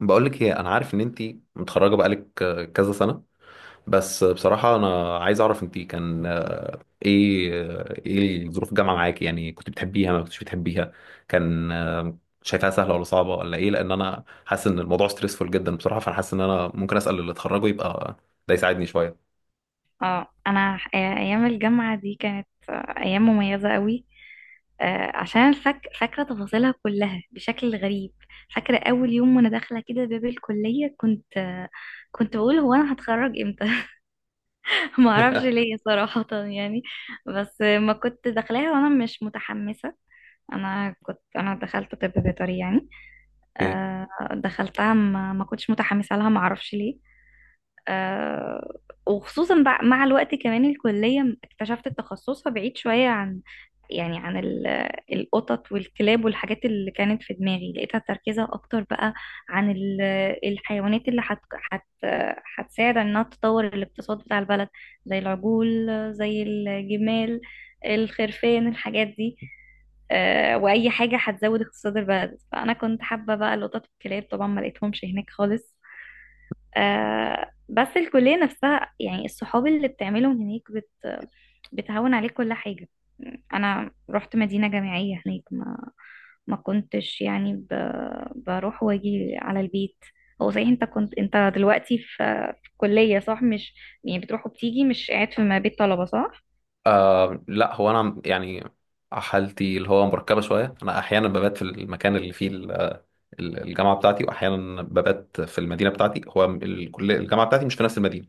بقولك ايه، انا عارف ان انتي متخرجه بقالك كذا سنه. بس بصراحه انا عايز اعرف انتي كان ايه ايه ظروف الجامعه معاكي؟ يعني كنت بتحبيها ما كنتش بتحبيها، كان شايفاها سهله ولا صعبه ولا ايه؟ لان انا حاسس ان الموضوع ستريسفول جدا بصراحه، فانا حاسس ان انا ممكن اسال اللي اتخرجوا يبقى ده يساعدني شويه. ايام الجامعه دي كانت ايام مميزه قوي. عشان أنا فاكره تفاصيلها كلها بشكل غريب. فاكره اول يوم وانا داخله كده باب الكليه، كنت كنت بقول هو انا هتخرج امتى؟ ما اعرفش ليه صراحه يعني. بس ما كنت داخلاها وانا مش متحمسه. انا دخلت طب بيطري يعني. اوكي. آه، دخلتها ما كنتش متحمسه لها، ما اعرفش ليه. آه، وخصوصا مع الوقت كمان الكلية اكتشفت تخصصها بعيد شوية عن، يعني عن القطط والكلاب والحاجات اللي كانت في دماغي، لقيتها تركيزها أكتر بقى عن الحيوانات اللي هت هت هتساعد إنها تطور الاقتصاد بتاع البلد، زي العجول، زي الجمال، الخرفان، الحاجات دي. وأي حاجة هتزود اقتصاد البلد، فأنا كنت حابة بقى القطط والكلاب، طبعا ما لقيتهمش هناك خالص. آه بس الكلية نفسها يعني الصحاب اللي بتعملهم هناك بتهون عليك كل حاجة. أنا رحت مدينة جامعية هناك، ما كنتش بروح واجي على البيت. هو صحيح انت كنت، انت دلوقتي في في الكلية صح، مش يعني بتروح وبتيجي، مش قاعد في ما بيت طلبة صح؟ آه لا، هو انا يعني حالتي اللي هو مركبه شويه، انا احيانا ببات في المكان اللي فيه الجامعه بتاعتي واحيانا ببات في المدينه بتاعتي. هو الكليه الجامعه بتاعتي مش في نفس المدينه،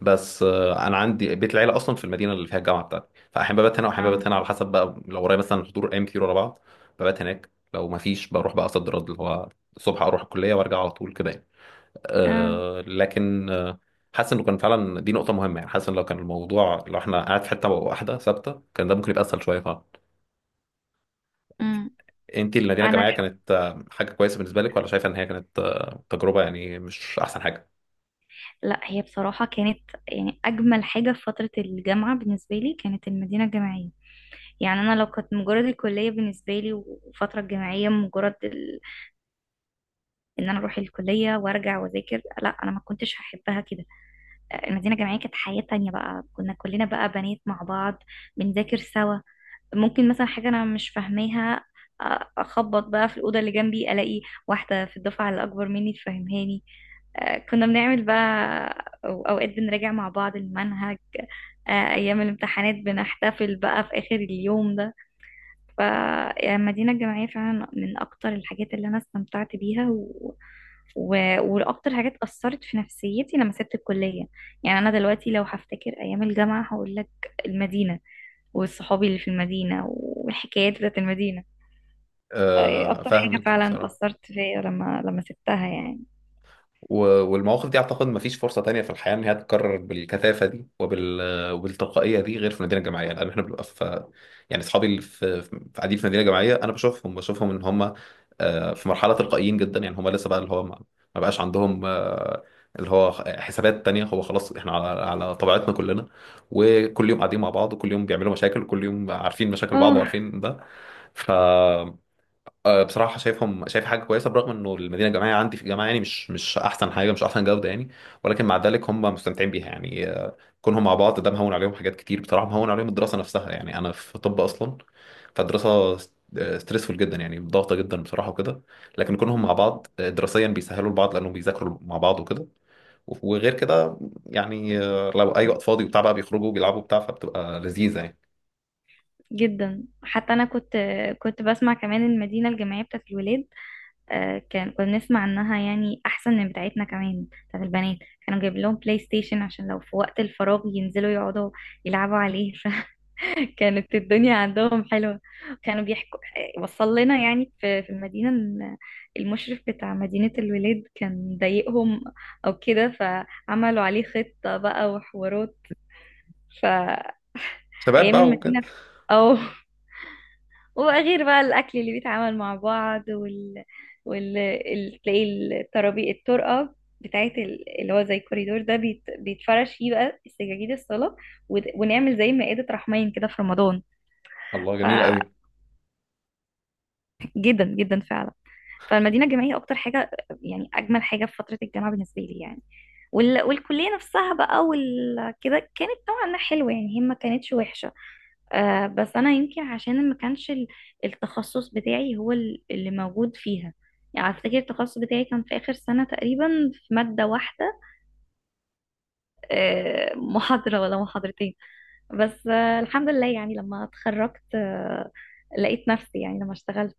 بس انا عندي بيت العيله اصلا في المدينه اللي فيها الجامعه بتاعتي، فاحيانا ببات هنا واحيانا ببات اه. هنا على حسب بقى. لو ورايا مثلا حضور ايام كتير ورا بعض ببات هناك، لو ما فيش بروح بقى صد رد اللي هو الصبح اروح الكليه وارجع على طول كده يعني. اه. أه لكن حاسس انه كان فعلا دي نقطه مهمه، يعني حاسس ان لو كان الموضوع لو احنا قاعد في حته واحده ثابته كان ده ممكن يبقى اسهل شويه. امم. انت المدينه انا الجامعيه ح- كانت حاجه كويسه بالنسبه لك ولا شايفه ان هي كانت تجربه يعني مش احسن حاجه؟ لا، هي بصراحة كانت، يعني اجمل حاجة في فترة الجامعة بالنسبة لي كانت المدينة الجامعية. يعني انا لو كنت مجرد الكليه بالنسبه لي، والفتره الجامعيه ان انا اروح الكليه وارجع واذاكر، لا انا ما كنتش هحبها كده. المدينه الجامعيه كانت حياه تانية، بقى كنا كلنا بقى بنات مع بعض بنذاكر سوا. ممكن مثلا حاجه انا مش فاهماها، اخبط بقى في الاوضه اللي جنبي، الاقي واحده في الدفعه اللي اكبر مني تفهمهاني. كنا بنعمل بقى، اوقات بنراجع مع بعض المنهج. ايام الامتحانات بنحتفل بقى في اخر اليوم ده. فالمدينة الجامعية فعلا من أكتر الحاجات اللي أنا استمتعت بيها، وأكتر حاجات أثرت في نفسيتي لما سبت الكلية. يعني أنا دلوقتي لو هفتكر أيام الجامعة هقول لك المدينة، والصحابي اللي في المدينة، والحكايات بتاعت المدينة. أي أكتر حاجة فاهمك فعلا بصراحه. أثرت فيا لما سبتها يعني. والمواقف دي اعتقد ما فيش فرصه تانية في الحياه ان هي تتكرر بالكثافه دي وبالتلقائيه دي غير في المدينه الجامعيه، لان احنا بنبقى في، يعني اصحابي اللي في في قاعدين في المدينه الجامعيه انا بشوفهم بشوفهم ان هم في مرحله تلقائيين جدا، يعني هم لسه بقى اللي هو ما ما بقاش عندهم اللي هو حسابات تانية، هو خلاص احنا على طبيعتنا كلنا، وكل يوم قاعدين مع بعض وكل يوم بيعملوا مشاكل وكل يوم عارفين مشاكل بعض أوه وعارفين ده. ف بصراحة شايفهم، شايف حاجة كويسة برغم انه المدينة الجامعية عندي في الجامعة يعني مش مش احسن حاجة، مش احسن جودة يعني. ولكن مع ذلك هم مستمتعين بيها، يعني كونهم مع بعض ده مهون عليهم حاجات كتير بصراحة، مهون عليهم الدراسة نفسها، يعني انا في طب اصلا فالدراسة ستريسفول جدا، يعني ضغطة جدا بصراحة وكده. لكن كونهم مع بعض دراسيا بيسهلوا لبعض لانهم بيذاكروا مع بعض وكده. وغير كده يعني لو اي وقت فاضي وبتاع بقى بيخرجوا بيلعبوا بتاع، فبتبقى لذيذة يعني، جدا. حتى أنا كنت بسمع كمان المدينة الجامعية بتاعت الولاد، آه، كان كنا نسمع انها يعني احسن من بتاعتنا كمان بتاعت البنات. كانوا جايب لهم بلاي ستيشن عشان لو في وقت الفراغ ينزلوا يقعدوا يلعبوا عليه فكانت الدنيا عندهم حلوة. كانوا بيحكوا، وصل لنا يعني في المدينة إن المشرف بتاع مدينة الولاد كان ضايقهم او كده، فعملوا عليه خطة بقى وحوارات. فايام شباب بقى وكده. المدينة، او، وغير بقى الأكل اللي بيتعامل مع بعض، تلاقي الترابي، الطرقة بتاعت اللي هو زي الكوريدور ده، بيتفرش فيه بقى سجاجيد الصلاة، ونعمل زي مائدة رحمين كده في رمضان. الله ف... جميل قوي. جدا جدا فعلا. فالمدينة الجامعية أكتر حاجة، يعني أجمل حاجة في فترة الجامعة بالنسبة لي يعني. والكلية نفسها بقى كده كانت نوعا ما حلوة يعني، هي ما كانتش وحشة. آه بس أنا يمكن عشان ما كانش التخصص بتاعي هو اللي موجود فيها. يعني أفتكر التخصص بتاعي كان في آخر سنة تقريبا في مادة واحدة، آه محاضرة ولا محاضرتين. بس آه الحمد لله، يعني لما اتخرجت آه لقيت نفسي يعني لما اشتغلت.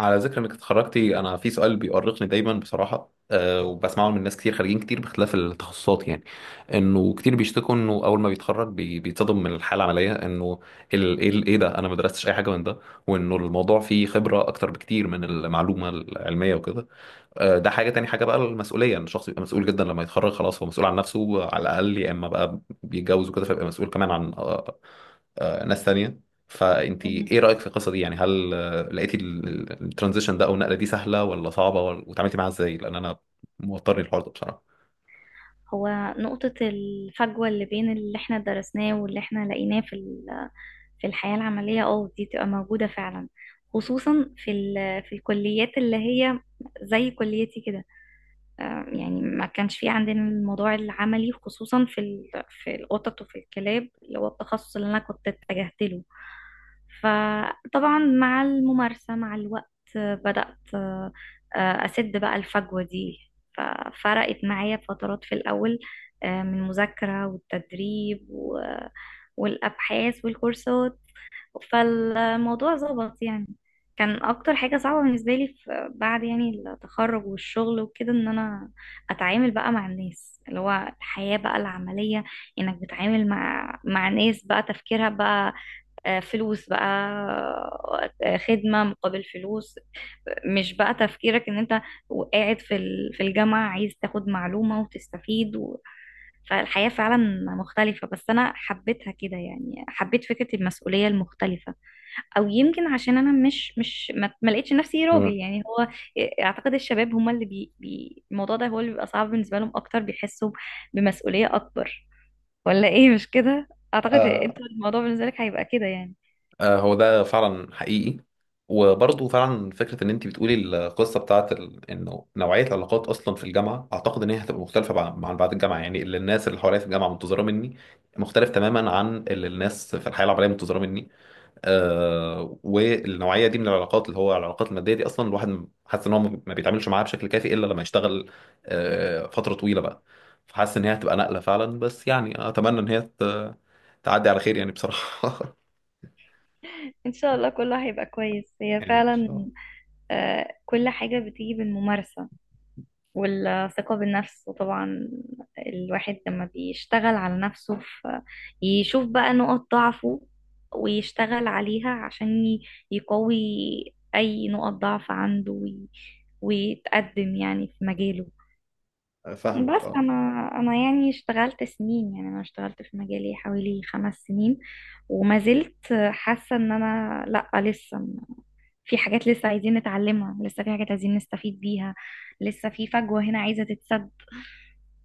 على ذكر انك اتخرجتي، انا في سؤال بيؤرقني دايما بصراحه، أه، وبسمعه من ناس كتير خارجين كتير باختلاف التخصصات، يعني انه كتير بيشتكوا انه اول ما بيتخرج بيتصدم من الحاله العمليه، انه ايه ده، انا ما درستش اي حاجه من ده، وانه الموضوع فيه خبره اكتر بكتير من المعلومه العلميه وكده. أه ده حاجه، تاني حاجه بقى المسؤوليه، ان الشخص يبقى مسؤول جدا لما يتخرج خلاص، هو مسؤول عن نفسه على الاقل، يا اما بقى بيتجوز وكده فيبقى مسؤول كمان عن ناس تانية. فانت ايه رأيك في القصة دي؟ يعني هل لقيتي الترانزيشن ده او النقلة دي سهلة ولا صعبة وتعاملتي معاها ازاي؟ لان انا موترني الحوار ده بصراحة. هو نقطة الفجوة اللي بين اللي احنا درسناه واللي احنا لقيناه في في الحياة العملية، اه دي تبقى موجودة فعلا، خصوصا في في الكليات اللي هي زي كليتي كده. يعني ما كانش في عندنا الموضوع العملي، خصوصا في في القطط وفي الكلاب اللي هو التخصص اللي انا كنت اتجهت له. فطبعا مع الممارسة مع الوقت آه، بدأت آه، آه، أسد بقى الفجوة دي. ففرقت معايا فترات في الأول، من مذاكرة والتدريب والأبحاث والكورسات، فالموضوع ظبط يعني. كان اكتر حاجة صعبة بالنسبة لي في بعد يعني التخرج والشغل وكده ان انا اتعامل بقى مع الناس، اللي هو الحياة بقى العملية. انك بتتعامل مع ناس بقى تفكيرها بقى فلوس بقى، خدمة مقابل فلوس، مش بقى تفكيرك ان انت قاعد في في الجامعة عايز تاخد معلومة وتستفيد فالحياة فعلا مختلفة، بس انا حبيتها كده يعني، حبيت فكرة المسؤولية المختلفة. او يمكن عشان انا مش مش ما ما لقيتش نفسي راجل مم. يعني، هو اعتقد الشباب هم اللي بي, بي الموضوع ده هو اللي بيبقى صعب بالنسبه لهم اكتر، بيحسوا بمسؤوليه اكبر، ولا ايه مش كده؟ اعتقد آه، انت الموضوع بالنسبه لك هيبقى كده يعني. هو ده فعلا حقيقي، وبرضه فعلا فكرة إن أنت بتقولي القصة بتاعت ال... إنه نوعية العلاقات أصلا في الجامعة أعتقد إن هي هتبقى مختلفة عن بعد الجامعة، يعني اللي الناس اللي حواليا في الجامعة منتظرة مني مختلف تماما عن اللي الناس في الحياة العملية منتظرة مني. آه والنوعيه دي من العلاقات اللي هو العلاقات الماديه دي اصلا الواحد حاسس ان هو ما بيتعاملش معاها بشكل كافي الا لما يشتغل فتره طويله بقى، فحاسس ان هي هتبقى نقله فعلا، بس يعني اتمنى ان هي تعدي على خير يعني بصراحه. ان شاء الله كله هيبقى كويس، هي يعني إن شاء فعلا. آه كل حاجه بتيجي بالممارسه والثقة بالنفس، وطبعا الواحد لما بيشتغل على نفسه في، يشوف بقى نقط ضعفه ويشتغل عليها عشان يقوي أي نقط ضعف عنده، ويتقدم يعني في مجاله. الله. فاهمك بس اه. أنا يعني اشتغلت سنين، يعني أنا اشتغلت في مجالي حوالي 5 سنين، وما زلت حاسة إن أنا لأ، لسه في حاجات لسه عايزين نتعلمها، لسه في حاجات عايزين نستفيد بيها، لسه في فجوة هنا عايزة تتسد.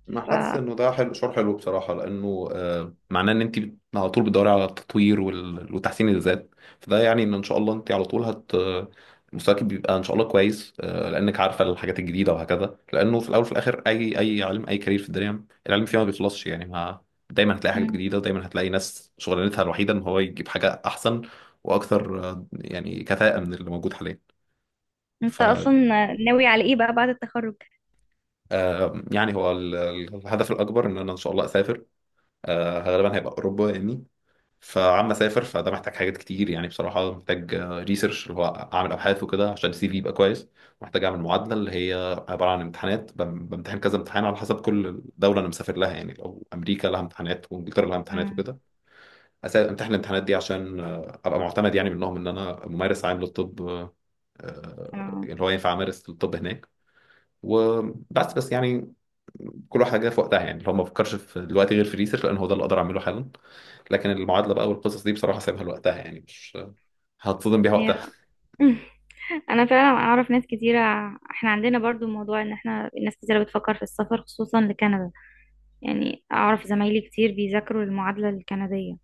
ما ف حاسس انه ده حلو، شعور حلو بصراحه، لانه معناه ان انت على طول بتدوري على التطوير وتحسين الذات. فده يعني ان ان شاء الله انت على طول مستواك بيبقى ان شاء الله كويس لانك عارفه الحاجات الجديده وهكذا، لانه في الاول وفي الاخر اي علم اي كارير في الدنيا العلم فيها ما بيخلصش يعني، ما دايما هتلاقي حاجات مم. جديده ودايما هتلاقي ناس شغلانتها الوحيده ان هو يجيب حاجه احسن واكثر يعني كفاءه من اللي موجود حاليا. ف انت اصلا ناوي على ايه بقى بعد التخرج؟ يعني هو الهدف الاكبر ان انا ان شاء الله اسافر، غالبا هيبقى اوروبا يعني. فعم اسافر، فده محتاج حاجات كتير يعني بصراحه، محتاج ريسيرش اللي هو اعمل ابحاث وكده عشان السي في يبقى كويس. محتاج اعمل معادله اللي هي عباره عن امتحانات، بمتحن كذا امتحان على حسب كل دوله انا مسافر لها، يعني لو امريكا لها امتحانات وانجلترا لها امتحانات مم. وكده. امتحن الامتحانات دي عشان ابقى معتمد يعني منهم ان انا ممارس عام للطب، انا اللي هو ينفع امارس الطب هناك. وبس بس يعني، كل حاجه في وقتها، يعني لو ما بفكرش في دلوقتي غير في ريسيرش لان هو ده اللي اقدر اعمله حالا، لكن المعادله بقى والقصص دي بصراحه سايبها لوقتها يعني، مش هتصدم بيها وقتها. هي انا فعلا اعرف ناس كتيره، احنا عندنا برضو موضوع ان احنا ناس كتيره بتفكر في السفر خصوصا لكندا. يعني اعرف زمايلي كتير بيذاكروا المعادله الكنديه.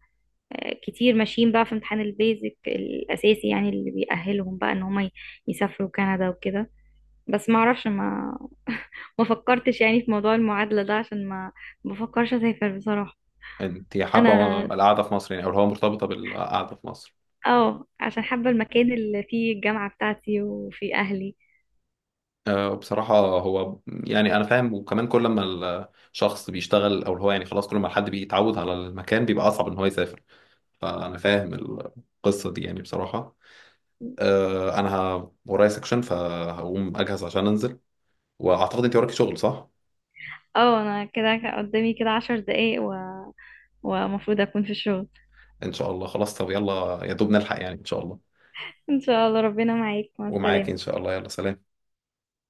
كتير ماشيين بقى في امتحان البيزك الاساسي، يعني اللي بيأهلهم بقى ان هم يسافروا كندا وكده. بس ما اعرفش، ما ما فكرتش يعني في موضوع المعادله ده عشان ما بفكرش اسافر بصراحه. انت حابه انا القعده في مصر يعني او اللي هو مرتبطه بالقعده في مصر؟ اه عشان حابة المكان اللي فيه الجامعة بتاعتي وفيه أهلي. بصراحه هو يعني انا فاهم، وكمان كل ما الشخص بيشتغل او اللي هو يعني خلاص كل ما الحد بيتعود على المكان بيبقى اصعب ان هو يسافر، فانا فاهم القصه دي يعني بصراحه. انا ورايا سكشن فهقوم اجهز عشان انزل، واعتقد انت وراكي شغل، صح؟ اه أنا كده قدامي كده 10 دقايق ومفروض أكون في الشغل. ان شاء الله خلاص، طب يلا يا دوب نلحق يعني ان شاء الله. إن شاء الله، ربنا معاك، مع ومعاكي ان السلامة. شاء الله، يلا سلام.